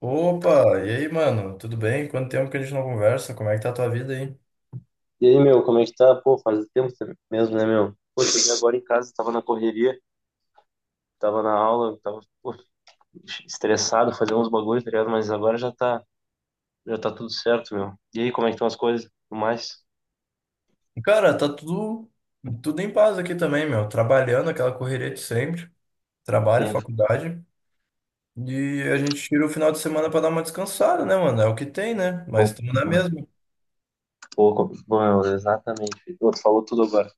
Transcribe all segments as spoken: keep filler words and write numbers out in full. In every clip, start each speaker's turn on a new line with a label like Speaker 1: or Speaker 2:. Speaker 1: Opa, e aí, mano? Tudo bem? Quanto tempo que a gente não conversa? Como é que tá a tua vida aí?
Speaker 2: E aí, meu, como é que tá? Pô, faz tempo mesmo, né, meu? Pô, cheguei agora em casa, tava na correria, tava na aula, tava, pô, estressado, fazendo uns bagulhos, tá ligado? Mas agora já tá, já tá tudo certo, meu. E aí, como é que estão as coisas? Tudo mais?
Speaker 1: Cara, tá tudo, tudo em paz aqui também, meu. Trabalhando aquela correria de sempre, trabalho,
Speaker 2: Sim.
Speaker 1: faculdade. E a gente tira o final de semana pra dar uma descansada, né, mano? É o que tem, né?
Speaker 2: Pô,
Speaker 1: Mas estamos na mesma.
Speaker 2: pô, co- bom, meu, exatamente. Pô, tu falou tudo agora.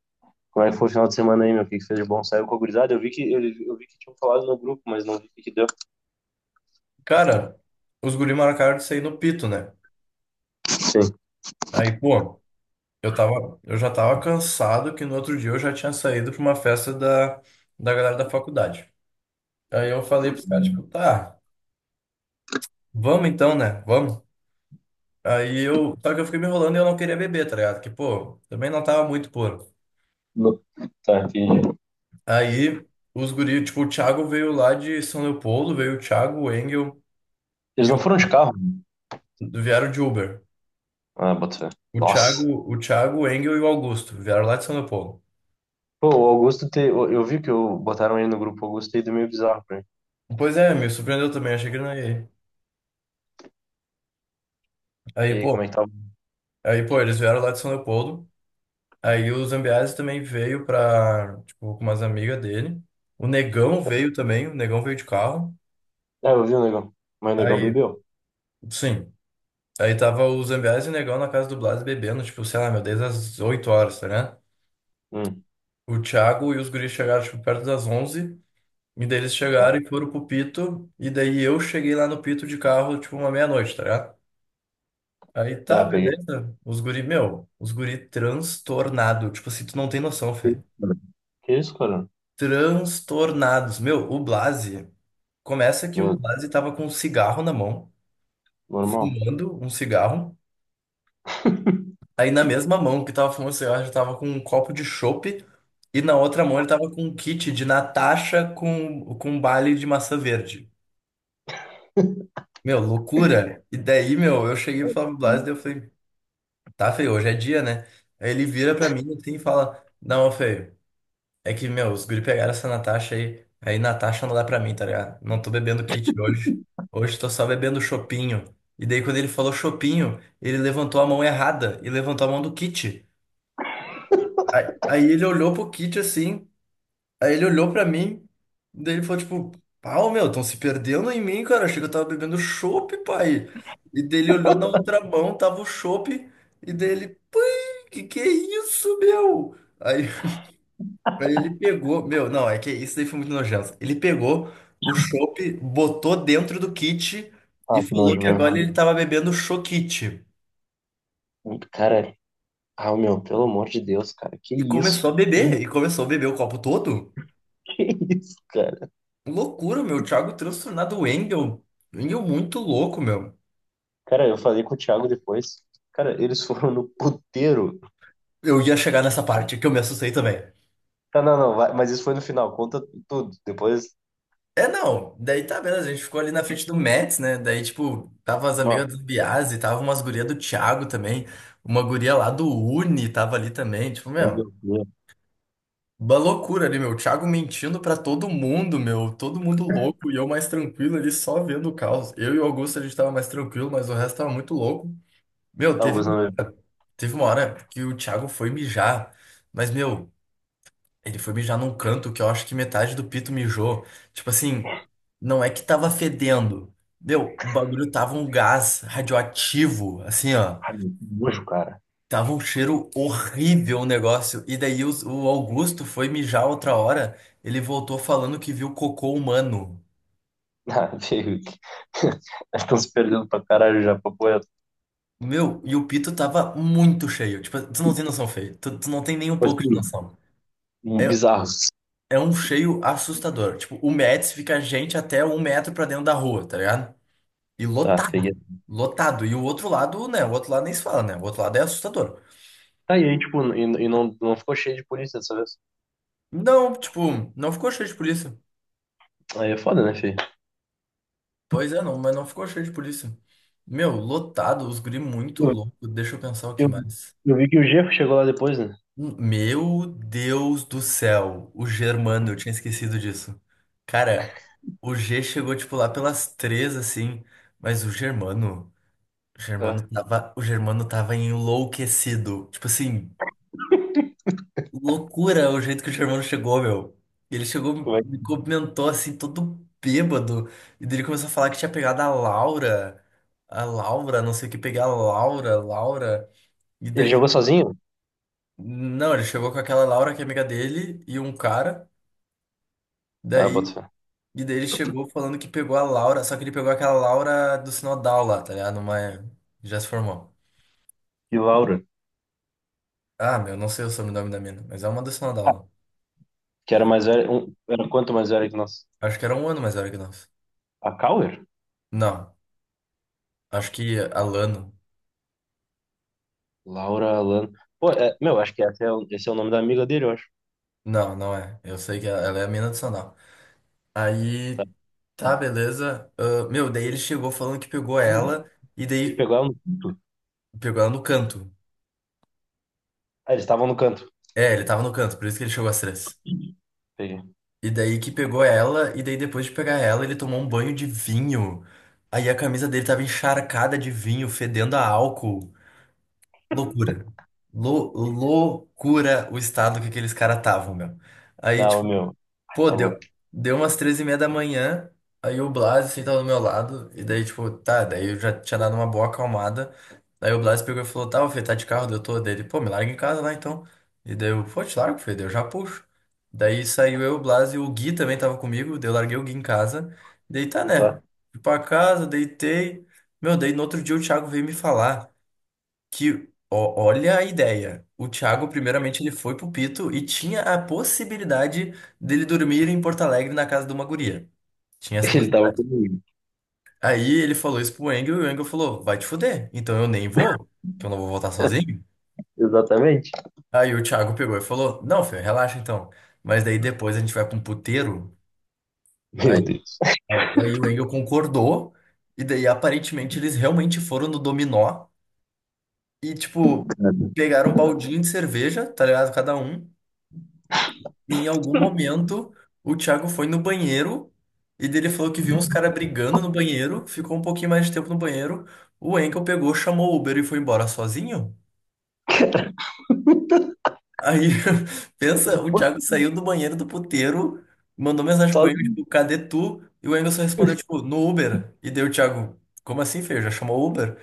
Speaker 2: Como é que foi o final de semana aí, meu? O que que fez de bom? Saiu com a gurizada? Eu vi que, eu, eu vi que tinham falado no grupo, mas não vi o que que deu.
Speaker 1: Cara, os guri marcaram de sair no pito, né?
Speaker 2: Sim.
Speaker 1: Aí, pô, eu tava, eu já tava cansado que no outro dia eu já tinha saído pra uma festa da, da galera da faculdade. Aí eu falei pros caras, tipo, tá, vamos então, né? Vamos. Aí eu, só que eu fiquei me enrolando e eu não queria beber, tá ligado? Que, pô, também não tava muito puro.
Speaker 2: No- Tá, entendi.
Speaker 1: Aí os guri, tipo, o Thiago veio lá de São Leopoldo, veio o Thiago, o Engel
Speaker 2: Eles
Speaker 1: e
Speaker 2: não
Speaker 1: o,
Speaker 2: foram de carro?
Speaker 1: vieram de Uber.
Speaker 2: Ah, bota fé.
Speaker 1: O
Speaker 2: Nossa.
Speaker 1: Thiago, o Thiago, o Engel e o Augusto vieram lá de São Leopoldo.
Speaker 2: Pô, o Augusto, te... eu eu vi que eu... botaram ele no grupo Augusto e do meio bizarro pra mim.
Speaker 1: Pois é, me surpreendeu também, achei que não ia. ir. Aí,
Speaker 2: E aí,
Speaker 1: pô,
Speaker 2: como é que tava?
Speaker 1: aí, pô, eles vieram lá de São Leopoldo. Aí o Zambiase também veio pra, tipo, com umas amigas dele. O Negão veio também, o Negão veio de carro.
Speaker 2: É, eu vi o negão. Mas o negão
Speaker 1: Aí,
Speaker 2: bebeu.
Speaker 1: sim. Aí tava o Zambiase e o Negão na casa do Blas bebendo, tipo, sei lá, meu, desde as oito horas, tá ligado?
Speaker 2: Hum,
Speaker 1: O Thiago e os guris chegaram, tipo, perto das onze. E daí eles
Speaker 2: tá.
Speaker 1: chegaram e foram pro Pito. E daí eu cheguei lá no Pito de carro, tipo, uma meia-noite, tá ligado? Aí tá,
Speaker 2: Ah, peguei.
Speaker 1: beleza. Os guri, meu, os guri transtornado. Tipo assim, tu não tem noção,
Speaker 2: Que
Speaker 1: Fê.
Speaker 2: isso, cara? Que isso, cara?
Speaker 1: Transtornados. Meu, o Blase. Começa que
Speaker 2: Meu,
Speaker 1: o Blase tava com um cigarro na mão,
Speaker 2: normal.
Speaker 1: fumando um cigarro. Aí na mesma mão que tava fumando cigarro, já tava com um copo de chopp. E na outra mão ele tava com um kit de Natasha com, com um baile de maçã verde. Meu, loucura. E daí, meu, eu cheguei pro Flávio Blase e eu falei, tá, feio, hoje é dia, né? Aí ele vira pra mim assim e fala, não, feio. É que, meu, os guri pegaram essa Natasha aí. Aí Natasha não dá pra mim, tá ligado? Não tô bebendo kit hoje. Hoje tô só bebendo chopinho. E daí, quando ele falou chopinho, ele levantou a mão errada e levantou a mão do kit. Aí, aí ele olhou pro kit assim. Aí ele olhou pra mim. Daí ele falou, tipo, pau, meu, tão se perdendo em mim, cara. Achei que eu tava bebendo chopp, pai. E daí ele olhou na outra mão, tava o chopp. E daí ele, pai, que que é isso, meu? Aí. Aí ele pegou, meu, não, é que isso daí foi muito nojento. Ele pegou o chopp, botou dentro do kit
Speaker 2: Ah,
Speaker 1: e
Speaker 2: que nojo
Speaker 1: falou que agora ele
Speaker 2: mesmo.
Speaker 1: tava bebendo choquite.
Speaker 2: Cara, ah, meu, pelo amor de Deus, cara, que
Speaker 1: E
Speaker 2: isso?
Speaker 1: começou a beber, e começou a beber o copo todo.
Speaker 2: Que isso, cara?
Speaker 1: Loucura, meu, o Thiago transtornado, o Engel, o Engel muito louco, meu.
Speaker 2: Cara, eu falei com o Thiago depois. Cara, eles foram no puteiro.
Speaker 1: Eu ia chegar nessa parte que eu me assustei também.
Speaker 2: Tá, não, não, vai, mas isso foi no final, conta tudo. Depois,
Speaker 1: É, não, daí tá beleza, a gente ficou ali na frente do Mets, né? Daí, tipo, tava as amigas
Speaker 2: não.
Speaker 1: do Biase, tava umas gurias do Thiago também, uma guria lá do Uni tava ali também, tipo,
Speaker 2: Meu
Speaker 1: meu.
Speaker 2: Deus,
Speaker 1: Uma loucura ali, meu. O Thiago mentindo pra todo mundo, meu. Todo mundo louco e eu mais tranquilo ali só vendo o caos. Eu e o Augusto a gente tava mais tranquilo, mas o resto tava muito louco. Meu,
Speaker 2: Augusto
Speaker 1: teve,
Speaker 2: não bebeu.
Speaker 1: teve uma hora que o Thiago foi mijar, mas, meu, ele foi mijar num canto que eu acho que metade do pito mijou. Tipo assim, não é que tava fedendo. Meu, o bagulho tava um gás radioativo, assim, ó.
Speaker 2: Ai, meu, que nojo, cara.
Speaker 1: Tava um cheiro horrível o negócio. E daí os- o Augusto foi mijar outra hora. Ele voltou falando que viu cocô humano.
Speaker 2: Ah, veio que estão se perdendo pra caralho já, papo reto.
Speaker 1: Meu, e o pito tava muito cheio. Tipo, tu não tem noção, Fê. Tu, tu não tem nem um
Speaker 2: Tipo
Speaker 1: pouco de
Speaker 2: assim,
Speaker 1: noção.
Speaker 2: um-
Speaker 1: É,
Speaker 2: bizarros.
Speaker 1: é um cheio assustador. Tipo, o Médici fica gente até um metro pra dentro da rua, tá ligado? E
Speaker 2: Tá, peguei.
Speaker 1: lotado. Lotado. E o outro lado, né? O outro lado nem se fala, né? O outro lado é assustador.
Speaker 2: Tá, e aí, tipo, e, e não, não ficou cheio de polícia dessa vez.
Speaker 1: Não, tipo, não ficou cheio de polícia.
Speaker 2: Aí é foda, né, filho?
Speaker 1: Pois é, não, mas não ficou cheio de polícia. Meu, lotado, os guri muito
Speaker 2: Eu,
Speaker 1: louco. Deixa eu pensar o que
Speaker 2: eu,
Speaker 1: mais.
Speaker 2: eu vi que o Jeff chegou lá depois, né?
Speaker 1: Hum, Meu Deus do céu, o Germano, eu tinha esquecido disso. Cara, o G chegou tipo lá pelas três assim, mas o Germano, o Germano
Speaker 2: É.
Speaker 1: tava, o Germano tava enlouquecido. Tipo assim, loucura o jeito que o Germano chegou, meu. Ele chegou,
Speaker 2: Como é
Speaker 1: me
Speaker 2: que-
Speaker 1: comentou assim, todo bêbado. E daí ele começou a falar que tinha pegado a Laura. A Laura, não sei o que, pegar a Laura, Laura. E
Speaker 2: Ele
Speaker 1: daí.
Speaker 2: jogou sozinho?
Speaker 1: Não, ele chegou com aquela Laura que é amiga dele e um cara.
Speaker 2: Ah, bota
Speaker 1: Daí.
Speaker 2: fé.
Speaker 1: E daí ele chegou falando que pegou a Laura. Só que ele pegou aquela Laura do Sinodal lá, tá ligado? Uma. Já se formou.
Speaker 2: E Laura,
Speaker 1: Ah, meu, não sei o sobrenome da mina, mas é uma do Sinodal lá.
Speaker 2: que era mais velha, um, era quanto mais velha que nós?
Speaker 1: Acho que era um ano mais velho que nós.
Speaker 2: A Cauer?
Speaker 1: Não, acho que Alano.
Speaker 2: Laura Alan. Pô, é, meu, acho que esse é, o- esse é o nome da amiga dele, eu acho.
Speaker 1: Não, não é. Eu sei que ela ela é a mina do Sonal.
Speaker 2: Tá.
Speaker 1: Aí, tá, beleza. Ah, meu, daí ele chegou falando que pegou ela e
Speaker 2: Ele
Speaker 1: daí
Speaker 2: pegou ela no canto.
Speaker 1: pegou ela no canto.
Speaker 2: Ah, eles estavam no canto.
Speaker 1: É, ele tava no canto, por isso que ele chegou às três.
Speaker 2: Peguei.
Speaker 1: E daí que pegou ela, e daí depois de pegar ela, ele tomou um banho de vinho. Aí a camisa dele tava encharcada de vinho, fedendo a álcool. Loucura. Lou- loucura o estado que aqueles caras estavam, meu. Aí,
Speaker 2: Não,
Speaker 1: tipo,
Speaker 2: meu,
Speaker 1: pô,
Speaker 2: tá louco.
Speaker 1: deu, deu umas três e meia da manhã, aí o Blas sentado do meu lado, e daí, tipo, tá, daí eu já tinha dado uma boa acalmada. Aí o Blas pegou e falou, tá, ô Fê, tá de carro, daí eu tô dele, pô, me larga em casa lá então. E daí eu, pô, te largo, Fê, daí eu já puxo. Daí saiu eu, o Blas e o Gui também tava comigo, daí eu larguei o Gui em casa. Daí tá, né?
Speaker 2: Tá?
Speaker 1: Fui pra casa, deitei. Meu, daí no outro dia o Thiago veio me falar. Que, ó- olha a ideia. O Thiago, primeiramente, ele foi pro Pito e tinha a possibilidade dele dormir em Porto Alegre na casa de uma guria. Tinha essa
Speaker 2: Ele tava
Speaker 1: possibilidade.
Speaker 2: comigo.
Speaker 1: Aí ele falou isso pro Engel e o Engel falou: vai te fuder, então eu nem vou, que eu não vou voltar sozinho.
Speaker 2: Exatamente.
Speaker 1: Aí o Thiago pegou e falou: não, filho, relaxa então. Mas daí depois a gente vai pra um puteiro.
Speaker 2: Meu
Speaker 1: Aí,
Speaker 2: Deus.
Speaker 1: aí, aí o Engel concordou, e daí aparentemente eles realmente foram no dominó e, tipo, pegaram um baldinho de cerveja, tá ligado? Cada um. E em algum momento, o Thiago foi no banheiro e dele falou que viu uns caras brigando no banheiro, ficou um pouquinho mais de tempo no banheiro. O Enkel pegou, chamou o Uber e foi embora sozinho.
Speaker 2: Cara.
Speaker 1: Aí, pensa, o
Speaker 2: Pô,
Speaker 1: Thiago saiu do banheiro do puteiro, mandou mensagem pro
Speaker 2: só
Speaker 1: Enkel, tipo, cadê tu? E o Engel só respondeu, tipo, no Uber. E daí o Thiago, como assim, feio? Já chamou o Uber?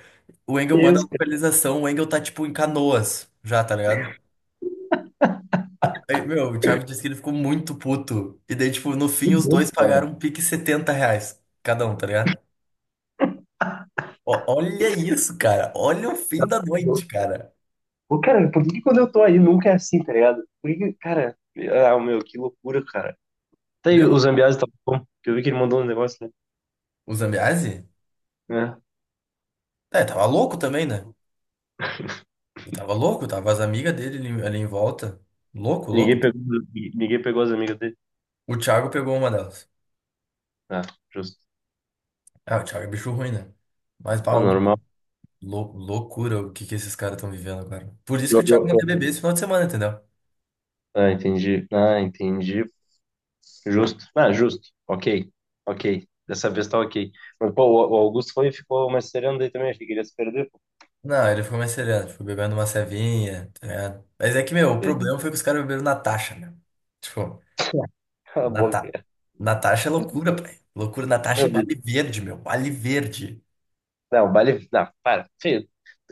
Speaker 1: O Engel manda a
Speaker 2: Deus, cara.
Speaker 1: localização, o Engel tá, tipo, em Canoas, já, tá ligado? Aí, meu, o Thiago disse que ele ficou muito puto. E daí, tipo, no
Speaker 2: Meu
Speaker 1: fim, os
Speaker 2: Deus,
Speaker 1: dois
Speaker 2: cara.
Speaker 1: pagaram um pique setenta reais cada um, tá ligado? Ó, olha isso, cara. Olha o fim da noite, cara.
Speaker 2: Pô, cara, por que que quando eu tô aí nunca é assim, tá ligado? Por que, que- cara, ah, meu, que loucura, cara. Tá aí,
Speaker 1: Meu,
Speaker 2: o Zambiase tá bom, que eu vi que ele mandou um negócio,
Speaker 1: o Zambiase?
Speaker 2: né? É.
Speaker 1: É, tava louco também, né? Ele tava louco, tava as amigas dele ali, ali em volta. Louco, louco.
Speaker 2: Ninguém pegou, ninguém pegou as amigas dele.
Speaker 1: O Thiago pegou uma delas.
Speaker 2: Ah, justo.
Speaker 1: Ah, o Thiago é bicho ruim, né? Mas,
Speaker 2: Ah,
Speaker 1: pau,
Speaker 2: normal.
Speaker 1: meu, lou- loucura o que que esses caras estão vivendo agora. Por isso
Speaker 2: Eu-
Speaker 1: que o Thiago
Speaker 2: eu-
Speaker 1: não
Speaker 2: eu-
Speaker 1: quer beber esse final de semana, entendeu?
Speaker 2: Ah, entendi. Ah, entendi. Justo. Ah, justo. Ok. Ok. Dessa vez tá ok. Mas, pô, o o Augusto foi e ficou magisteriano daí também. Achei que ele ia se perder. Pô.
Speaker 1: Não, ele ficou mais sereno, tipo, bebendo uma cevinha, tá ligado? Mas é que, meu, o
Speaker 2: porque-
Speaker 1: problema foi que os caras beberam Natasha, meu. Tipo,
Speaker 2: Cala a boca.
Speaker 1: Nata...
Speaker 2: É.
Speaker 1: Natasha é loucura, pai. Loucura, Natasha
Speaker 2: Meu
Speaker 1: e Bale
Speaker 2: Deus.
Speaker 1: Verde, meu. Bale Verde.
Speaker 2: Não, o baile. Não, para. Feio.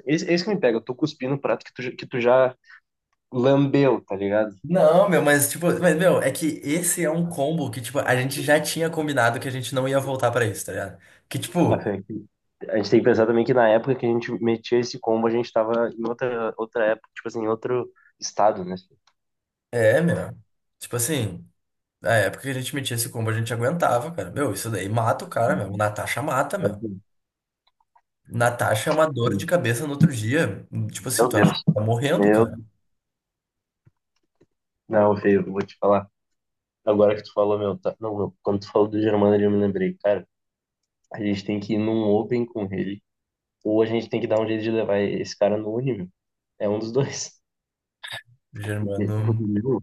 Speaker 2: Esse, esse que me pega. Eu tô cuspindo o prato que tu, já- que tu já lambeu, tá ligado?
Speaker 1: Não, meu, mas, tipo, mas, meu, é que esse é um combo que, tipo, a gente já tinha combinado que a gente não ia voltar pra isso, tá ligado? Que,
Speaker 2: Ah,
Speaker 1: tipo,
Speaker 2: é que- A gente tem que pensar também que na época que a gente metia esse combo, a gente tava em outra, outra época, tipo assim, em outro estado, né?
Speaker 1: é, meu. Tipo assim, na época que a gente metia esse combo, a gente aguentava, cara. Meu, isso daí mata o cara, meu. O Natasha mata, meu.
Speaker 2: Meu
Speaker 1: Natasha é uma dor de cabeça no outro dia. Tipo assim, tu acha que
Speaker 2: Deus.
Speaker 1: tá morrendo,
Speaker 2: Meu.
Speaker 1: cara?
Speaker 2: Não, feio, vou te falar. Agora que tu falou, meu, tá... não, meu, quando tu falou do Germano, eu me lembrei, cara, a gente tem que ir num Open com ele, ou a gente tem que dar um jeito de levar esse cara no Uni, meu. É um dos dois. Porque- porque,
Speaker 1: Germano.
Speaker 2: meu,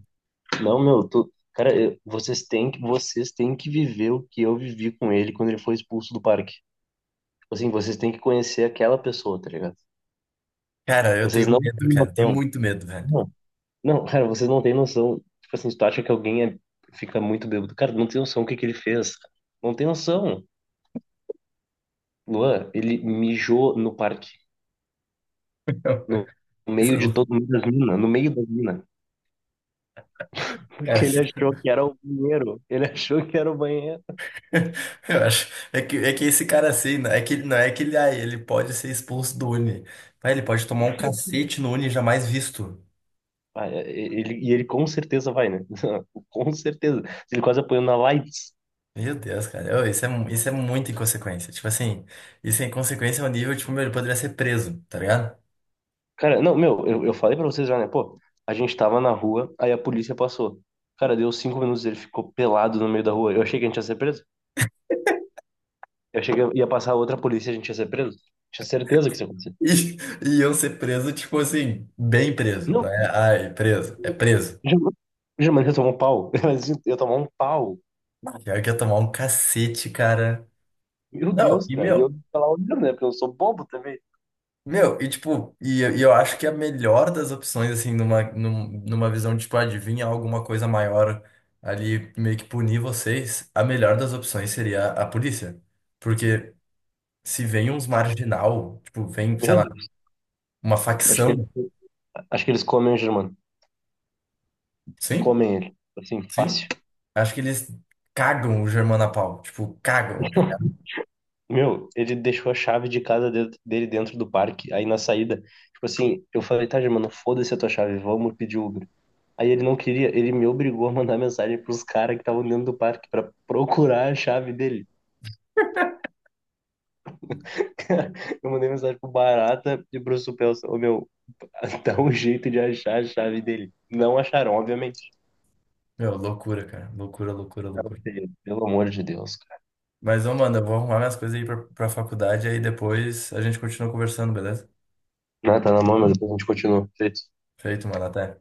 Speaker 2: não, meu, tu, cara, eu- vocês têm que, vocês têm que viver o que eu vivi com ele quando ele foi expulso do parque. Tipo assim, vocês têm que conhecer aquela pessoa, tá ligado?
Speaker 1: Cara, eu
Speaker 2: Vocês
Speaker 1: tenho
Speaker 2: não têm
Speaker 1: medo, cara. Tenho
Speaker 2: noção.
Speaker 1: muito medo, velho.
Speaker 2: Não, não, cara, vocês não têm noção. Tipo assim, tu acha que alguém é, fica muito bêbado. Cara, não tem noção o que que ele fez. Não tem noção. Luan, ele mijou no parque. No meio
Speaker 1: Sei
Speaker 2: de
Speaker 1: lá.
Speaker 2: todo mundo das minas. No meio das minas.
Speaker 1: Cara,
Speaker 2: Porque ele achou que era o banheiro. Ele achou que era o banheiro.
Speaker 1: eu acho. É que, é que esse cara assim, não é que, não é que ele, ah, ele pode ser expulso do Uni. Mas ele pode tomar um cacete no Uni jamais visto.
Speaker 2: Ah, é, é, ele, e ele com certeza vai, né? Com certeza. Ele quase apanhou na lights.
Speaker 1: Meu Deus, cara. Ô, isso é, mu- isso é muita inconsequência. Tipo assim, isso é inconsequência ao nível, tipo, meu, ele poderia ser preso, tá ligado?
Speaker 2: Cara, não, meu, eu, eu falei pra vocês já, né? Pô, a gente tava na rua, aí a polícia passou. Cara, deu cinco minutos, ele ficou pelado no meio da rua. Eu achei que a gente ia ser preso. Eu achei que ia passar outra polícia e a gente ia ser preso. Tinha certeza que isso ia acontecer.
Speaker 1: E e iam ser preso, tipo assim, bem preso. Não
Speaker 2: Não,
Speaker 1: é, ai, preso, é preso.
Speaker 2: jamais, jamais ia tomar um pau. Imagina, eu ia tomar um pau.
Speaker 1: Pior que ia tomar um cacete, cara.
Speaker 2: Meu
Speaker 1: Não,
Speaker 2: Deus,
Speaker 1: e
Speaker 2: cara. E eu
Speaker 1: meu,
Speaker 2: tava lá olhando, né? Porque eu sou bobo também.
Speaker 1: meu, e tipo, e, eu- e eu acho que a melhor das opções, assim, numa, num- numa visão de, tipo, adivinha alguma coisa maior ali, meio que punir vocês, a melhor das opções seria a polícia. Porque se vem uns marginal, tipo, vem, sei
Speaker 2: Meu
Speaker 1: lá,
Speaker 2: Deus.
Speaker 1: uma
Speaker 2: Acho que,
Speaker 1: facção,
Speaker 2: acho que eles comem o Germano.
Speaker 1: sim,
Speaker 2: Comem ele. Assim, fácil.
Speaker 1: sim, acho que eles cagam o Germano a pau, tipo, cagam.
Speaker 2: Meu, ele deixou a chave de casa de- dele dentro do parque, aí na saída. Tipo assim, eu falei, tá, Germano, foda-se a tua chave, vamos pedir Uber. Aí ele não queria, ele me obrigou a mandar mensagem pros caras que estavam dentro do parque pra procurar a chave dele. Eu mandei mensagem pro Barata e pro Supelso. Ô, meu, dá um jeito de achar a chave dele. Não acharam, obviamente.
Speaker 1: Meu, loucura, cara. Loucura, loucura,
Speaker 2: Não,
Speaker 1: loucura.
Speaker 2: pelo amor de Deus.
Speaker 1: Mas, ô, mano, eu vou arrumar minhas coisas aí pra, pra faculdade, aí depois a gente continua conversando, beleza?
Speaker 2: Ah, tá na mão, mas depois a gente continua. Feito.
Speaker 1: Feito, mano, até.